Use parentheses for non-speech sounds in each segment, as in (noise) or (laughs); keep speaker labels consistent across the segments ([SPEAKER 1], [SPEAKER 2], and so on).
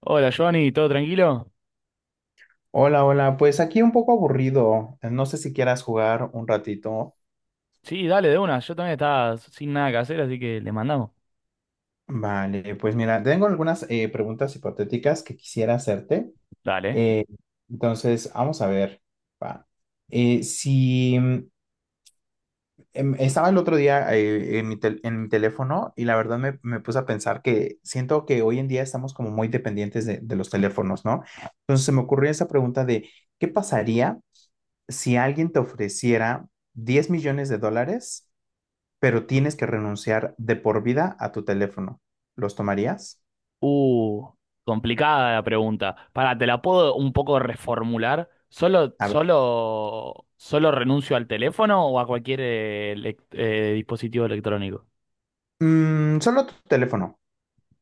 [SPEAKER 1] Hola Giovanni, ¿todo tranquilo?
[SPEAKER 2] Hola, hola, pues aquí un poco aburrido. No sé si quieras jugar un ratito.
[SPEAKER 1] Sí, dale, de una. Yo también estaba sin nada que hacer, así que le mandamos.
[SPEAKER 2] Vale, pues mira, tengo algunas preguntas hipotéticas que quisiera hacerte.
[SPEAKER 1] Dale.
[SPEAKER 2] Eh, entonces, vamos a ver. Va. Si mm, em, Estaba el otro día en mi teléfono y la verdad me puse a pensar que siento que hoy en día estamos como muy dependientes de los teléfonos, ¿no? Entonces se me ocurrió esa pregunta de, ¿qué pasaría si alguien te ofreciera $10 millones, pero tienes que renunciar de por vida a tu teléfono? ¿Los tomarías?
[SPEAKER 1] Uh, Complicada la pregunta. Pará, ¿te la puedo un poco reformular? ¿Solo,
[SPEAKER 2] A ver.
[SPEAKER 1] solo, solo renuncio al teléfono o a cualquier dispositivo electrónico?
[SPEAKER 2] Mm, solo tu teléfono.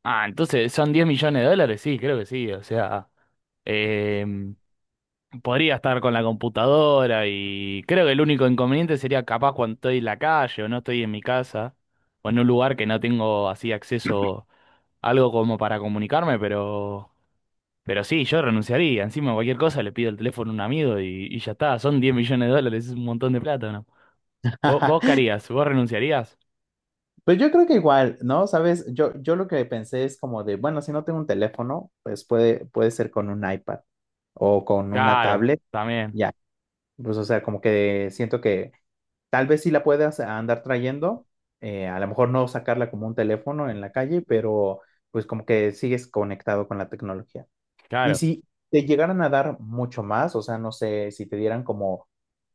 [SPEAKER 1] Ah, entonces son 10 millones de dólares, sí, creo que sí. O sea, podría estar con la computadora y creo que el único inconveniente sería capaz cuando estoy en la calle o no estoy en mi casa o en un lugar que no tengo así acceso a algo como para comunicarme, pero sí, yo renunciaría. Encima cualquier cosa le pido el teléfono a un amigo y ya está, son 10 millones de dólares, es un montón de plata, ¿no? ¿Vos qué
[SPEAKER 2] (laughs)
[SPEAKER 1] harías? ¿Vos renunciarías?
[SPEAKER 2] Pues yo creo que igual, ¿no? Sabes, yo lo que pensé es como de, bueno, si no tengo un teléfono, pues puede ser con un iPad o con una
[SPEAKER 1] Claro,
[SPEAKER 2] tablet,
[SPEAKER 1] también,
[SPEAKER 2] ya. Pues o sea, como que siento que tal vez sí la puedas andar trayendo, a lo mejor no sacarla como un teléfono en la calle, pero pues como que sigues conectado con la tecnología. Y
[SPEAKER 1] claro.
[SPEAKER 2] si te llegaran a dar mucho más, o sea, no sé, si te dieran como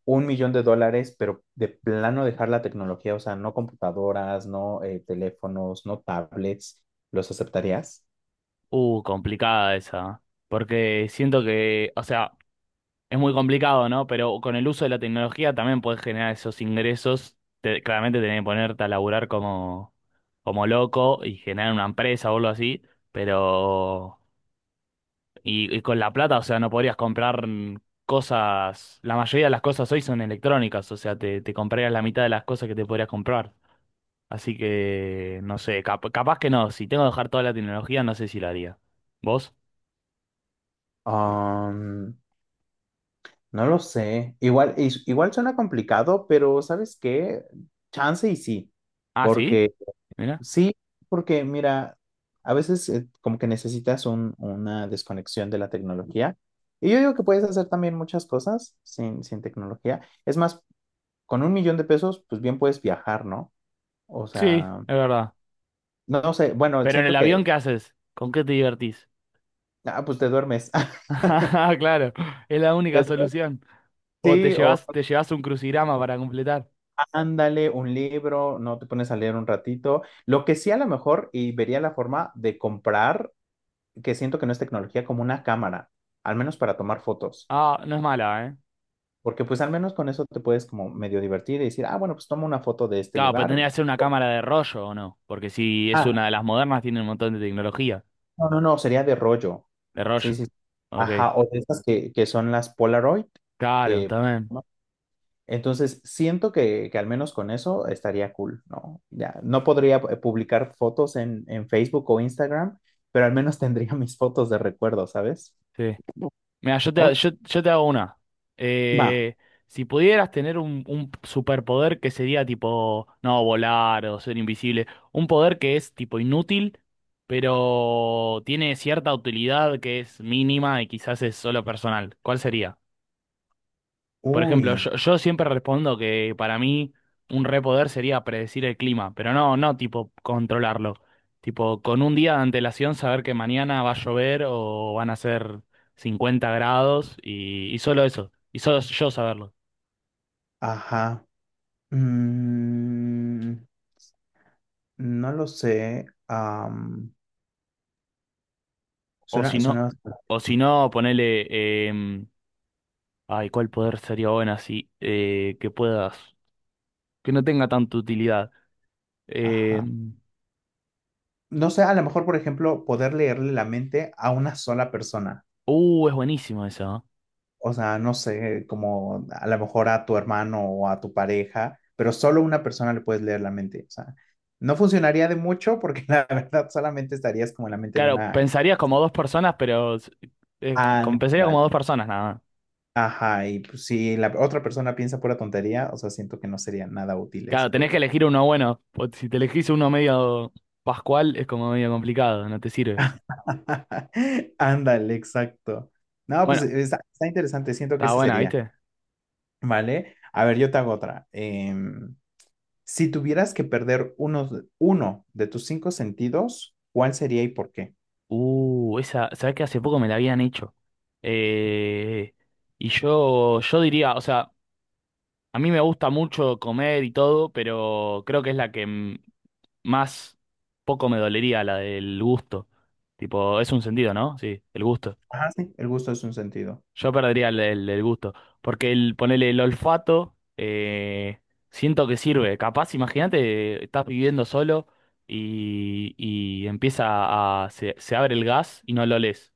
[SPEAKER 2] $1 millón, pero de plano dejar la tecnología, o sea, no computadoras, no teléfonos, no tablets, ¿los aceptarías?
[SPEAKER 1] Complicada esa, ¿eh? Porque siento que, o sea, es muy complicado, ¿no? Pero con el uso de la tecnología también puedes generar esos ingresos. Te- claramente tenés que ponerte a laburar como, como loco y generar una empresa o algo así. Pero. Y con la plata, o sea, no podrías comprar cosas. La mayoría de las cosas hoy son electrónicas, o sea, te comprarías la mitad de las cosas que te podrías comprar. Así que, no sé, cap- capaz que no. Si tengo que dejar toda la tecnología, no sé si lo haría. ¿Vos?
[SPEAKER 2] Um, no lo sé. Igual, igual suena complicado, pero ¿sabes qué? Chance y sí,
[SPEAKER 1] Ah, sí,
[SPEAKER 2] porque
[SPEAKER 1] mira.
[SPEAKER 2] sí, porque mira, a veces como que necesitas una desconexión de la tecnología. Y yo digo que puedes hacer también muchas cosas sin tecnología. Es más, con 1 millón de pesos, pues bien puedes viajar, ¿no? O
[SPEAKER 1] Sí,
[SPEAKER 2] sea,
[SPEAKER 1] es verdad.
[SPEAKER 2] no sé, bueno,
[SPEAKER 1] Pero en el
[SPEAKER 2] siento que,
[SPEAKER 1] avión, ¿qué haces? ¿Con qué te divertís?
[SPEAKER 2] ah, pues te duermes.
[SPEAKER 1] (laughs)
[SPEAKER 2] (laughs)
[SPEAKER 1] Ah, claro, es la
[SPEAKER 2] Te
[SPEAKER 1] única
[SPEAKER 2] duermes,
[SPEAKER 1] solución. O
[SPEAKER 2] sí, o
[SPEAKER 1] te llevas un crucigrama para completar.
[SPEAKER 2] ándale un libro, no te pones a leer un ratito. Lo que sí a lo mejor, y vería la forma de comprar, que siento que no es tecnología, como una cámara, al menos para tomar fotos.
[SPEAKER 1] Ah, no es mala, ¿eh?
[SPEAKER 2] Porque pues al menos con eso te puedes como medio divertir y decir, ah, bueno, pues toma una foto de este
[SPEAKER 1] Claro, pero
[SPEAKER 2] lugar.
[SPEAKER 1] tendría que ser una cámara de rollo, ¿o no? Porque si es
[SPEAKER 2] Ah,
[SPEAKER 1] una de las modernas, tiene un montón de tecnología.
[SPEAKER 2] no, no, no, sería de rollo.
[SPEAKER 1] De
[SPEAKER 2] Sí,
[SPEAKER 1] rollo.
[SPEAKER 2] sí, sí.
[SPEAKER 1] Ok.
[SPEAKER 2] Ajá, o de estas que son las Polaroid,
[SPEAKER 1] Claro,
[SPEAKER 2] que...
[SPEAKER 1] también.
[SPEAKER 2] ¿no? Entonces, siento que al menos con eso estaría cool, ¿no? Ya, no podría publicar fotos en Facebook o Instagram, pero al menos (laughs) tendría mis fotos de recuerdo, ¿sabes?
[SPEAKER 1] Sí. Mira,
[SPEAKER 2] Ok,
[SPEAKER 1] yo te hago una.
[SPEAKER 2] va.
[SPEAKER 1] Eh, si pudieras tener un superpoder que sería tipo, no, volar o ser invisible, un poder que es tipo inútil, pero tiene cierta utilidad que es mínima y quizás es solo personal, ¿cuál sería? Por ejemplo,
[SPEAKER 2] Uy,
[SPEAKER 1] yo siempre respondo que para mí un repoder sería predecir el clima, pero no, no tipo controlarlo. Tipo, con un día de antelación saber que mañana va a llover o van a ser 50 grados y solo eso, y solo yo saberlo.
[SPEAKER 2] ajá. Mm, no lo sé.
[SPEAKER 1] O si
[SPEAKER 2] Suena,
[SPEAKER 1] no,
[SPEAKER 2] suena,
[SPEAKER 1] o si no, ponele, ay, ¿cuál poder sería bueno así? Que puedas, que no tenga tanta utilidad.
[SPEAKER 2] ajá.
[SPEAKER 1] Em,
[SPEAKER 2] No sé, a lo mejor, por ejemplo, poder leerle la mente a una sola persona.
[SPEAKER 1] es buenísimo eso, ¿eh?
[SPEAKER 2] O sea, no sé, como a lo mejor a tu hermano o a tu pareja, pero solo una persona le puedes leer la mente. O sea, no funcionaría de mucho porque (laughs) la verdad solamente estarías como en la mente de
[SPEAKER 1] Claro,
[SPEAKER 2] una...
[SPEAKER 1] pensarías como dos personas, pero pensaría
[SPEAKER 2] Ándale.
[SPEAKER 1] como dos personas nada más.
[SPEAKER 2] Ajá, y pues, si la otra persona piensa pura tontería, o sea, siento que no sería nada útil ese
[SPEAKER 1] Claro, tenés que
[SPEAKER 2] poder.
[SPEAKER 1] elegir uno bueno. O si te elegís uno medio pascual, es como medio complicado, no te sirve.
[SPEAKER 2] (laughs) Ándale, exacto. No, pues
[SPEAKER 1] Bueno,
[SPEAKER 2] está, está interesante, siento que
[SPEAKER 1] está
[SPEAKER 2] ese
[SPEAKER 1] buena,
[SPEAKER 2] sería.
[SPEAKER 1] ¿viste?
[SPEAKER 2] ¿Vale? A ver, yo te hago otra. Em, si tuvieras que perder uno, uno de tus 5 sentidos, ¿cuál sería y por qué?
[SPEAKER 1] Esa, ¿sabés que hace poco me la habían hecho? Eh, y yo diría, o sea, a mí me gusta mucho comer y todo, pero creo que es la que m- más poco me dolería, la del gusto. Tipo, es un sentido, ¿no? Sí, el gusto.
[SPEAKER 2] Ajá, sí, el gusto es un sentido.
[SPEAKER 1] Yo perdería el gusto. Porque el ponerle el olfato, siento que sirve. Capaz, imagínate, estás viviendo solo y empieza a. Se abre el gas y no lo lees.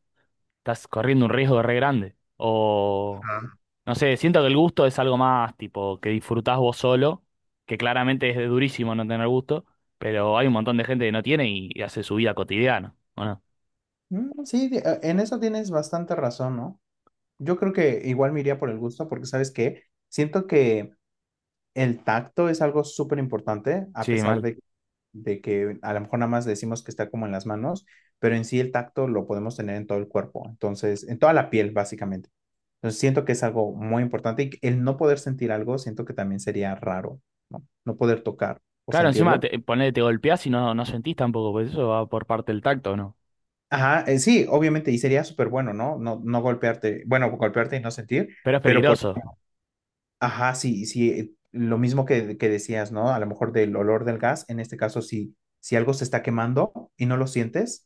[SPEAKER 1] Estás corriendo un riesgo re grande. O.
[SPEAKER 2] Ah,
[SPEAKER 1] No sé, siento que el gusto es algo más tipo que disfrutás vos solo, que claramente es durísimo no tener gusto, pero hay un montón de gente que no tiene y hace su vida cotidiana. Bueno,
[SPEAKER 2] mm, sí, en eso tienes bastante razón, ¿no? Yo creo que igual me iría por el gusto porque, ¿sabes qué? Siento que el tacto es algo súper importante, a
[SPEAKER 1] sí,
[SPEAKER 2] pesar
[SPEAKER 1] mal.
[SPEAKER 2] de que a lo mejor nada más decimos que está como en las manos, pero en sí el tacto lo podemos tener en todo el cuerpo, entonces, en toda la piel, básicamente. Entonces siento que es algo muy importante y el no poder sentir algo, siento que también sería raro, ¿no? No poder tocar o
[SPEAKER 1] Claro, encima
[SPEAKER 2] sentirlo.
[SPEAKER 1] te, ponele, te golpeás y no, no sentís tampoco, pues eso va por parte del tacto, ¿no?
[SPEAKER 2] Ajá, sí, obviamente, y sería súper bueno, ¿no? No, no golpearte, bueno, golpearte y no sentir,
[SPEAKER 1] Pero es
[SPEAKER 2] pero por,
[SPEAKER 1] peligroso.
[SPEAKER 2] ejemplo, ajá, sí, sí, lo mismo que decías, ¿no? A lo mejor del olor del gas, en este caso, si algo se está quemando y no lo sientes,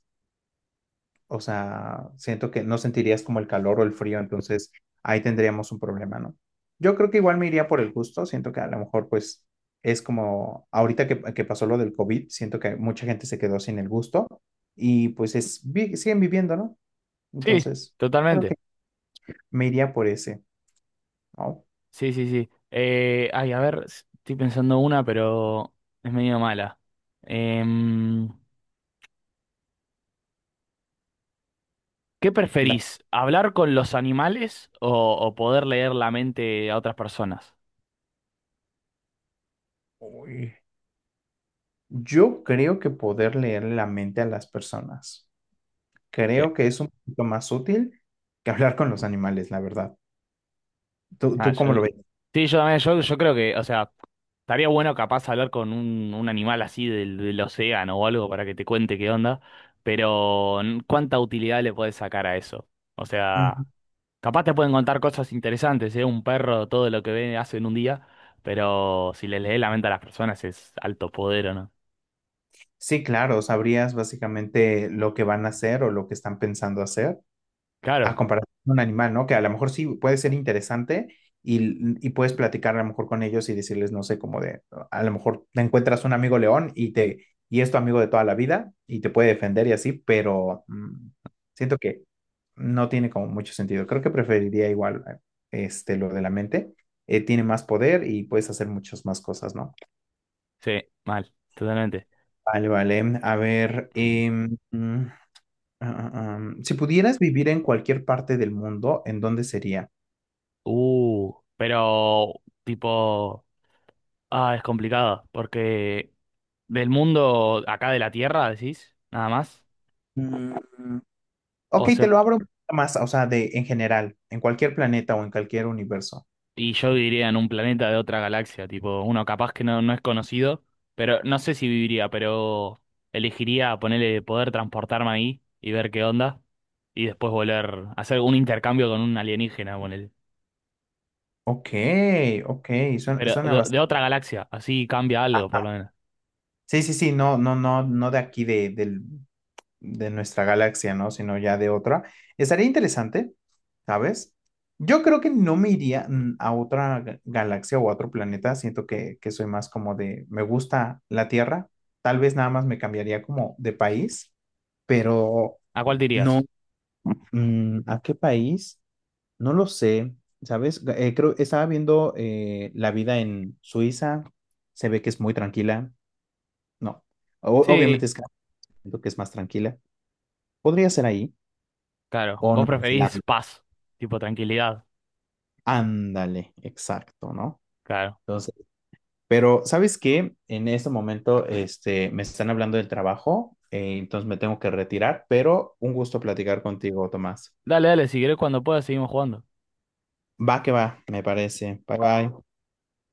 [SPEAKER 2] o sea, siento que no sentirías como el calor o el frío, entonces ahí tendríamos un problema, ¿no? Yo creo que igual me iría por el gusto, siento que a lo mejor pues es como ahorita que pasó lo del COVID, siento que mucha gente se quedó sin el gusto y pues es, siguen viviendo, ¿no?
[SPEAKER 1] Sí,
[SPEAKER 2] Entonces, creo que
[SPEAKER 1] totalmente.
[SPEAKER 2] me iría por ese, ¿no?
[SPEAKER 1] Sí, sí, sí. Ay, a ver, s- estoy pensando una, pero es medio mala. Em, ¿Qué
[SPEAKER 2] Da-
[SPEAKER 1] preferís? ¿Hablar con los animales o poder leer la mente a otras personas?
[SPEAKER 2] uy. Yo creo que poder leer la mente a las personas,
[SPEAKER 1] Sí.
[SPEAKER 2] creo que es un poquito más útil que hablar con los animales, la verdad.
[SPEAKER 1] Ah,
[SPEAKER 2] ¿Tú cómo
[SPEAKER 1] yo-
[SPEAKER 2] lo
[SPEAKER 1] sí, yo también, yo creo que, o sea, estaría bueno capaz hablar con un animal así del, del océano o algo para que te cuente qué onda, pero n- ¿cuánta utilidad le puedes sacar a eso? O
[SPEAKER 2] ves?
[SPEAKER 1] sea, capaz te pueden contar cosas interesantes, ¿eh? Un perro, todo lo que ve hace en un día, pero si le lees la mente a las personas es alto poder, ¿o no?
[SPEAKER 2] Sí, claro, sabrías básicamente lo que van a hacer o lo que están pensando hacer, a
[SPEAKER 1] Claro,
[SPEAKER 2] comparación con un animal, ¿no? Que a lo mejor sí puede ser interesante y puedes platicar a lo mejor con ellos y decirles, no sé, como de, a lo mejor te encuentras un amigo león y es tu amigo de toda la vida y te puede defender y así, pero mm, siento que no tiene como mucho sentido. Creo que preferiría igual este, lo de la mente. Tiene más poder y puedes hacer muchas más cosas, ¿no?
[SPEAKER 1] sí, mal, totalmente.
[SPEAKER 2] Vale, vale. A ver, si pudieras vivir en cualquier parte del mundo, ¿en dónde sería?
[SPEAKER 1] Pero tipo... Ah, es complicado, porque del mundo acá de la Tierra, decís, nada más.
[SPEAKER 2] Mm,
[SPEAKER 1] O
[SPEAKER 2] ok,
[SPEAKER 1] se,
[SPEAKER 2] te lo abro un poquito más, o sea, de en general, en cualquier planeta o en cualquier universo.
[SPEAKER 1] y yo viviría en un planeta de otra galaxia, tipo, uno capaz que no, no es conocido, pero no sé si viviría, pero elegiría ponerle poder transportarme ahí y ver qué onda, y después volver a hacer un intercambio con un alienígena, ponele.
[SPEAKER 2] Ok, ok, suena,
[SPEAKER 1] Pero
[SPEAKER 2] suena
[SPEAKER 1] de
[SPEAKER 2] bastante.
[SPEAKER 1] otra galaxia, así cambia algo, por lo menos.
[SPEAKER 2] Sí, sí, sí, no, no, no, no de aquí del de nuestra galaxia, ¿no? Sino ya de otra. Estaría interesante, ¿sabes? Yo creo que no me iría mm, a otra galaxia o a otro planeta. Siento que soy más como de, me gusta la Tierra. Tal vez nada más me cambiaría como de país, pero
[SPEAKER 1] ¿A cuál te
[SPEAKER 2] no,
[SPEAKER 1] irías?
[SPEAKER 2] mm, ¿a qué país? No lo sé, ¿sabes? Creo, estaba viendo la vida en Suiza. Se ve que es muy tranquila. No, obviamente
[SPEAKER 1] Sí,
[SPEAKER 2] es que siento que es más tranquila. Podría ser ahí.
[SPEAKER 1] claro,
[SPEAKER 2] O
[SPEAKER 1] vos
[SPEAKER 2] Nueva
[SPEAKER 1] preferís
[SPEAKER 2] Zelanda.
[SPEAKER 1] paz, tipo tranquilidad,
[SPEAKER 2] Ándale, exacto, ¿no?
[SPEAKER 1] claro.
[SPEAKER 2] Entonces, pero ¿sabes qué? En este momento, este, me están hablando del trabajo, entonces me tengo que retirar, pero un gusto platicar contigo, Tomás.
[SPEAKER 1] Dale, dale, si querés cuando puedas seguimos jugando.
[SPEAKER 2] Va que va, me parece. Bye bye.